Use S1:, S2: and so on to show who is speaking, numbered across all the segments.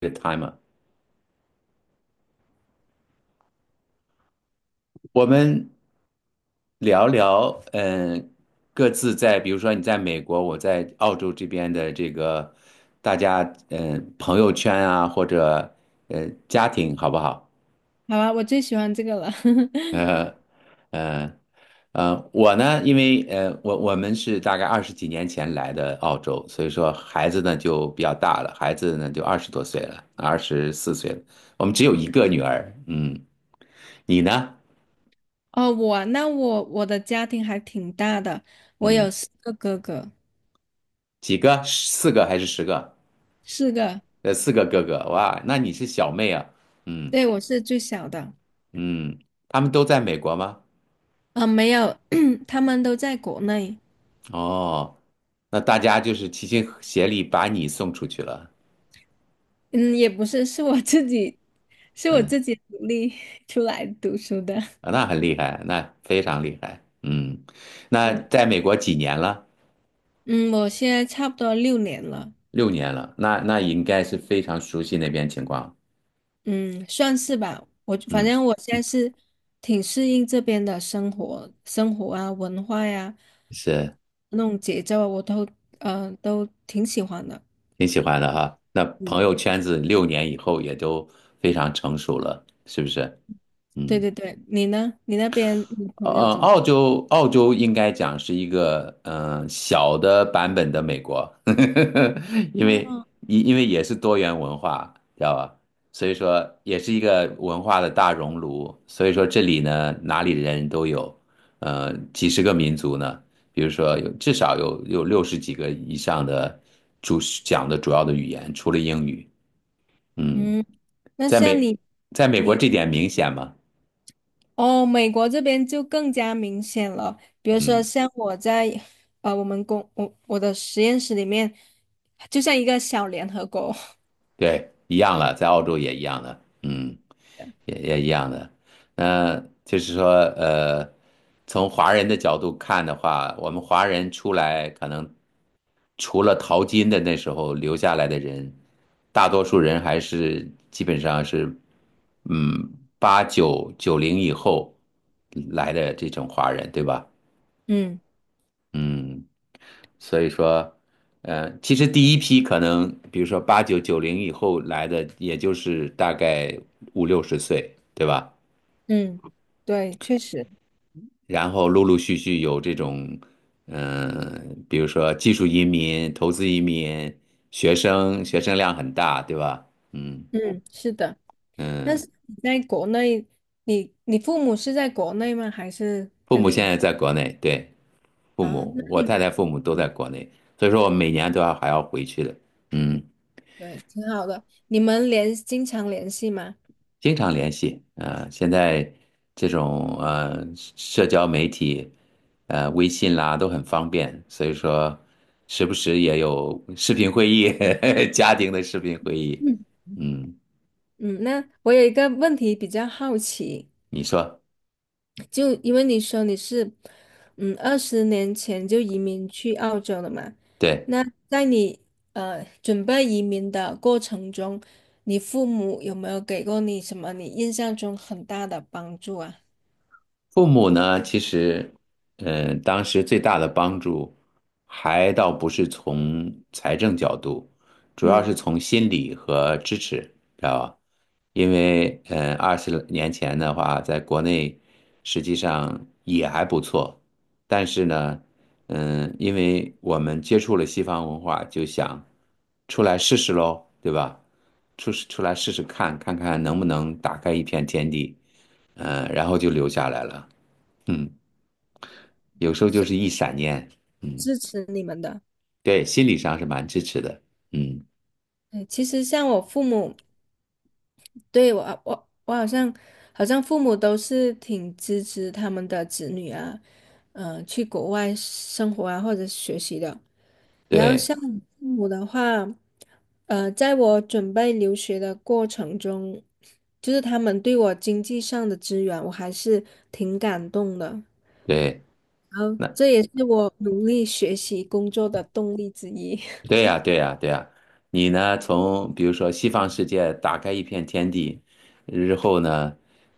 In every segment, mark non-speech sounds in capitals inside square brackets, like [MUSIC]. S1: 这个 time 我们聊聊，各自在，比如说你在美国，我在澳洲这边的这个，大家，朋友圈啊，或者，家庭，好不好？
S2: 好啊，我最喜欢这个了。[LAUGHS]
S1: 呃，呃，我呢，因为，我们是大概20多年前来的澳洲，所以说孩子呢就比较大了，孩子呢就20多岁了，24岁了，我们只有一个女儿，嗯，你呢？
S2: 哦，我那我我的家庭还挺大的，我有
S1: 嗯。
S2: 四个哥哥，
S1: 几个？四个还是十个？
S2: 四个，
S1: 四个哥哥，哇，那你是小妹啊？嗯。
S2: 对，我是最小的。
S1: 嗯，他们都在美国吗？
S2: 啊，没有，[CLEARS THROAT] 他们都在国内。
S1: 哦，那大家就是齐心协力把你送出去了。
S2: 嗯，也不是，是我自己，是我
S1: 嗯。
S2: 自己努力 [LAUGHS] 出来读书的。[LAUGHS]
S1: 啊，那很厉害，那非常厉害。嗯。那
S2: 嗯
S1: 在美国几年了？
S2: 嗯，我现在差不多六年了。
S1: 六年了，那应该是非常熟悉那边情况。
S2: 嗯，算是吧。我反
S1: 嗯，
S2: 正我现在是挺适应这边的生活啊、文化呀、
S1: 是
S2: 那种节奏啊，我都都挺喜欢的。
S1: 挺喜欢的哈。那
S2: 嗯，
S1: 朋友圈子六年以后也都非常成熟了，是不是？
S2: 对
S1: 嗯。
S2: 对对，你呢？你那边你朋友怎么？
S1: 澳洲应该讲是一个小的版本的美国，[LAUGHS] 因为
S2: 哦，
S1: 因为也是多元文化，知道吧？所以说也是一个文化的大熔炉。所以说这里呢，哪里的人都有，几十个民族呢。比如说至少有60多个以上的主讲的主要的语言，除了英语。嗯。
S2: 嗯，那
S1: 在
S2: 像
S1: 美
S2: 你，
S1: 在美国
S2: 你
S1: 这点明显吗？
S2: 哦，美国这边就更加明显了。比如说，
S1: 嗯。
S2: 像我在我们公我我的实验室里面，就像一个小联合国。[LAUGHS]
S1: 对，一样了，在澳洲也一样的，嗯，也一样的。那就是说，呃，从华人的角度看的话，我们华人出来可能除了淘金的那时候留下来的人，大多数人还是基本上是，嗯，八九九零以后来的这种华人，对吧？
S2: 嗯
S1: 嗯，所以说，其实第一批可能，比如说八九九零以后来的，也就是大概五六十岁，对吧？
S2: 嗯，对，确实。
S1: 然后陆陆续续有这种，比如说技术移民、投资移民、学生，学生量很大，对吧？嗯。
S2: 嗯，是的。那
S1: 嗯，
S2: 是你在国内，你父母是在国内吗？还是
S1: 父
S2: 跟
S1: 母现
S2: 你
S1: 在在国内，对，父
S2: 啊？那
S1: 母，我太太父母都在国内，所以说我每年都要还要回去的，嗯。
S2: 对，挺好的。你们经常联系吗？
S1: 经常联系，现在这种社交媒体，微信啦都很方便，所以说时不时也有视频会议，[LAUGHS] 家庭的视频会议，
S2: 嗯
S1: 嗯。
S2: 嗯，那我有一个问题比较好奇，
S1: 你说。
S2: 就因为你说你是20年前就移民去澳洲了嘛，
S1: 对。
S2: 那在你准备移民的过程中，你父母有没有给过你什么你印象中很大的帮助啊？
S1: 父母呢，其实，嗯，当时最大的帮助，还倒不是从财政角度，主要是
S2: 嗯，
S1: 从心理和支持，知道吧？因为，嗯，20年前的话，在国内实际上也还不错，但是呢，嗯，因为我们接触了西方文化，就想出来试试喽，对吧？出来试试看，看看能不能打开一片天地，嗯，然后就留下来了。嗯，有时候就是一闪念。嗯。
S2: 支持你们的。
S1: 对，心理上是蛮支持的，嗯。
S2: 对，其实像我父母，对，我啊我我好像好像父母都是挺支持他们的子女啊，嗯，去国外生活啊或者学习的。然后
S1: 对
S2: 像我父母的话，在我准备留学的过程中，就是他们对我经济上的支援，我还是挺感动的。
S1: 对，
S2: 然后
S1: 那
S2: 这也是我努力学习工作的动力之一，
S1: 对呀，对呀，对呀。你呢？从比如说西方世界打开一片天地，日后呢，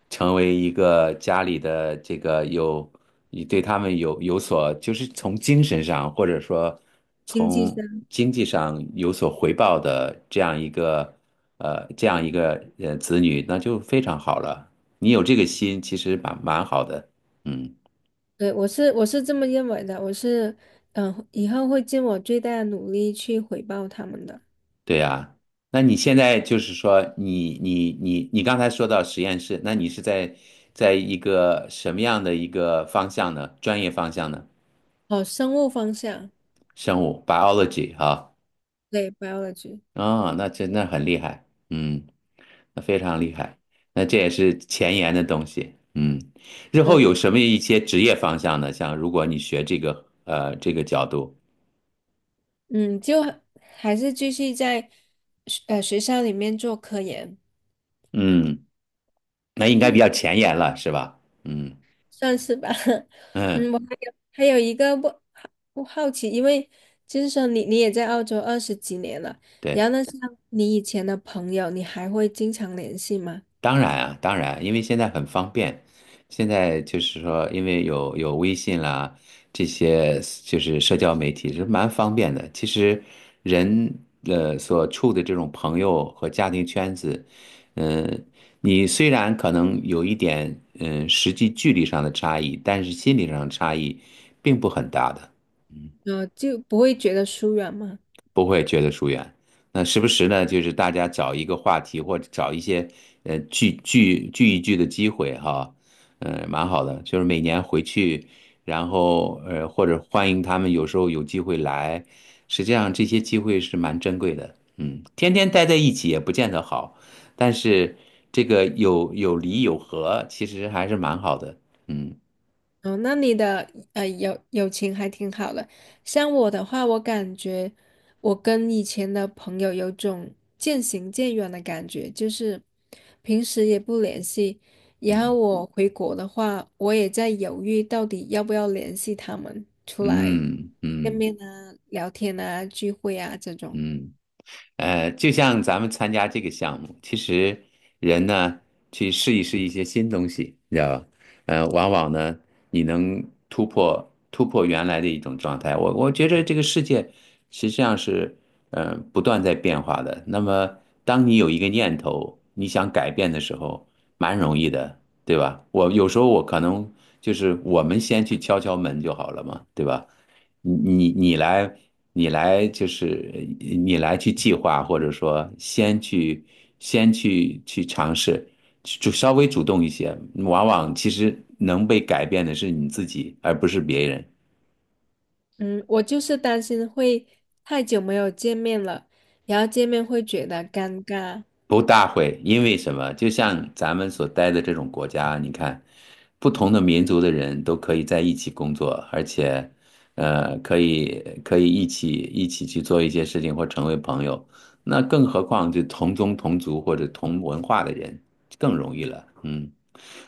S1: 成为一个家里的这个有，你对他们有所，就是从精神上或者说
S2: [LAUGHS] 经济
S1: 从
S2: 上。
S1: 经济上有所回报的这样一个，这样一个子女，那就非常好了。你有这个心，其实蛮好的。嗯。
S2: 对，我是这么认为的，我是以后会尽我最大的努力去回报他们的。
S1: 对呀，那你现在就是说，你刚才说到实验室，那你是在一个什么样的一个方向呢？专业方向呢？
S2: 哦，生物方向，
S1: 生物 biology 哈。
S2: 对，biology,
S1: 啊，那真的很厉害，嗯，那非常厉害，那这也是前沿的东西，嗯，日
S2: 对
S1: 后有
S2: 对，
S1: 什么一些职业方向呢？像如果你学这个这个角度，
S2: 嗯，就还是继续在学校里面做科研，
S1: 嗯，那应该比较前沿了，是吧？嗯。
S2: 算是吧。[LAUGHS]
S1: 嗯。
S2: 嗯，我还有一个不好奇，因为就是说你你也在澳洲20几年了，然
S1: 对。
S2: 后呢，像你以前的朋友，你还会经常联系吗？
S1: 当然啊，当然，因为现在很方便，现在就是说，因为有微信啦，这些就是社交媒体是蛮方便的。其实人所处的这种朋友和家庭圈子，嗯、你虽然可能有一点实际距离上的差异，但是心理上的差异并不很大的。
S2: 呃，就不会觉得疏远吗？
S1: 不会觉得疏远。那时不时呢，就是大家找一个话题，或者找一些聚一聚的机会哈，蛮好的。就是每年回去，然后或者欢迎他们，有时候有机会来，实际上这些机会是蛮珍贵的。嗯，天天待在一起也不见得好，但是这个有离有合，其实还是蛮好的。嗯。
S2: 哦，那你的友情还挺好的。像我的话，我感觉我跟以前的朋友有种渐行渐远的感觉，就是平时也不联系，然后我回国的话，我也在犹豫到底要不要联系他们出来
S1: 嗯。
S2: 见
S1: 嗯。
S2: 面啊、聊天啊、聚会啊这种。
S1: 嗯。就像咱们参加这个项目，其实人呢去试一试一些新东西，你知道吧？往往呢你能突破原来的一种状态。我觉得这个世界实际上是不断在变化的。那么当你有一个念头你想改变的时候，蛮容易的，对吧？我有时候我可能就是我们先去敲敲门就好了嘛，对吧？你你来，你来就是呃你来去计划，或者说先去去尝试，去就稍微主动一些，往往其实能被改变的是你自己，而不是别人。
S2: 嗯，我就是担心会太久没有见面了，然后见面会觉得尴尬。
S1: 不大会，因为什么？就像咱们所待的这种国家，你看，不同的民族的人都可以在一起工作，而且，可以一起去做一些事情或成为朋友。那更何况就同宗同族或者同文化的人更容易了，嗯。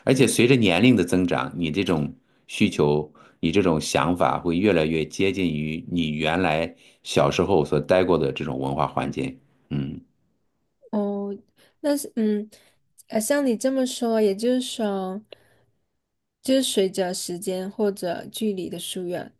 S1: 而且随着年龄的增长，你这种需求，你这种想法会越来越接近于你原来小时候所待过的这种文化环境。嗯。
S2: 哦，那是嗯，像你这么说，也就是说，就是随着时间或者距离的疏远，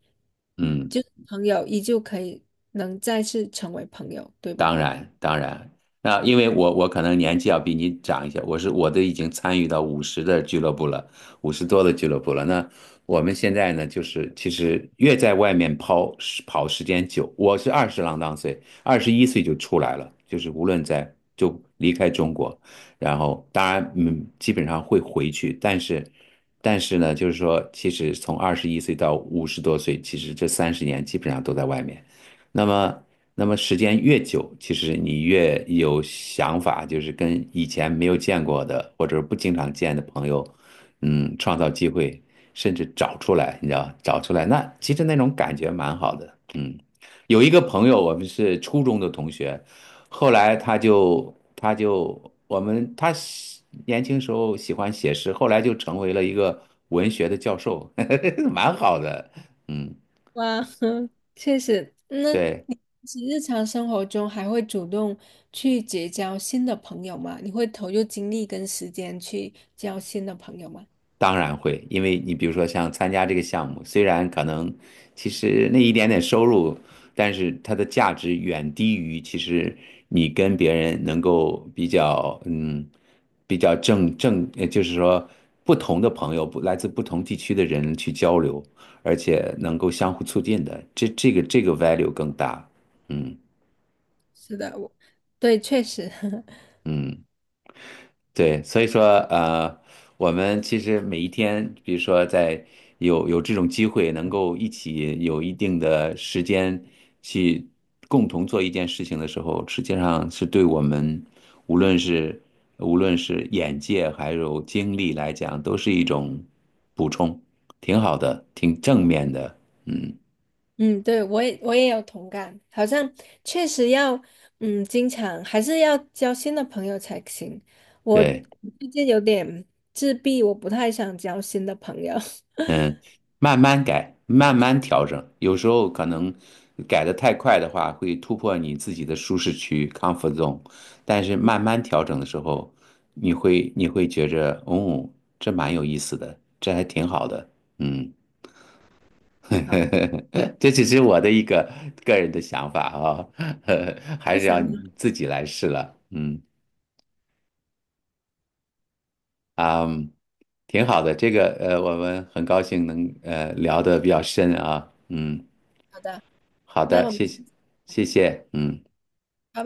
S1: 嗯。
S2: 就是朋友依旧可以能再次成为朋友，对吧？
S1: 当然，当然，那因为我可能年纪要比你长一些，我都已经参与到五十的俱乐部了，五十多的俱乐部了。那我们现在呢，就是其实越在外面抛时跑时间久，我是二十郎当岁，二十一岁就出来了，就是无论在离开中国，然后当然嗯，基本上会回去，但是呢，就是说，其实从二十一岁到五十多岁，其实这30年基本上都在外面。那么，时间越久，其实你越有想法，就是跟以前没有见过的或者不经常见的朋友，嗯，创造机会，甚至找出来，你知道，找出来，那其实那种感觉蛮好的。嗯。有一个朋友，我们是初中的同学，后来他就我们他喜年轻时候喜欢写诗，后来就成为了一个文学的教授，[LAUGHS] 蛮好的。嗯。
S2: 哇，[LAUGHS] 确实。那
S1: 对。
S2: 其实日常生活中还会主动去结交新的朋友吗？你会投入精力跟时间去交新的朋友吗？
S1: 当然会，因为你比如说像参加这个项目，虽然可能其实那一点点收入，但是它的价值远低于其实你跟别人能够比较，嗯，比较正，就是说不同的朋友，不来自不同地区的人去交流，而且能够相互促进的，这个 value 更大。嗯。
S2: 是的，对，确实。[LAUGHS]
S1: 嗯。对，所以说呃，我们其实每一天，比如说在有这种机会，能够一起有一定的时间去共同做一件事情的时候，实际上是对我们无论是无论是眼界还有精力来讲，都是一种补充，挺好的，挺正面的。嗯。
S2: 嗯，对，我也有同感，好像确实要，嗯，经常还是要交新的朋友才行。我
S1: 对。
S2: 最近有点自闭，我不太想交新的朋友。[LAUGHS]
S1: 嗯，慢慢改，慢慢调整，有时候可能改得太快的话，会突破你自己的舒适区 com zone)。但是慢慢调整的时候，你会觉着，哦，这蛮有意思的，这还挺好的。嗯。
S2: 好，
S1: [LAUGHS] 这只是我的一个个人的想法啊，[LAUGHS] 还
S2: 那
S1: 是要
S2: 想法
S1: 你自己来试了。嗯。啊，挺好的，这个我们很高兴能聊得比较深啊。嗯。
S2: 好的，
S1: 好
S2: 那
S1: 的，
S2: 我们
S1: 谢谢，
S2: 先
S1: 谢谢，嗯。
S2: 到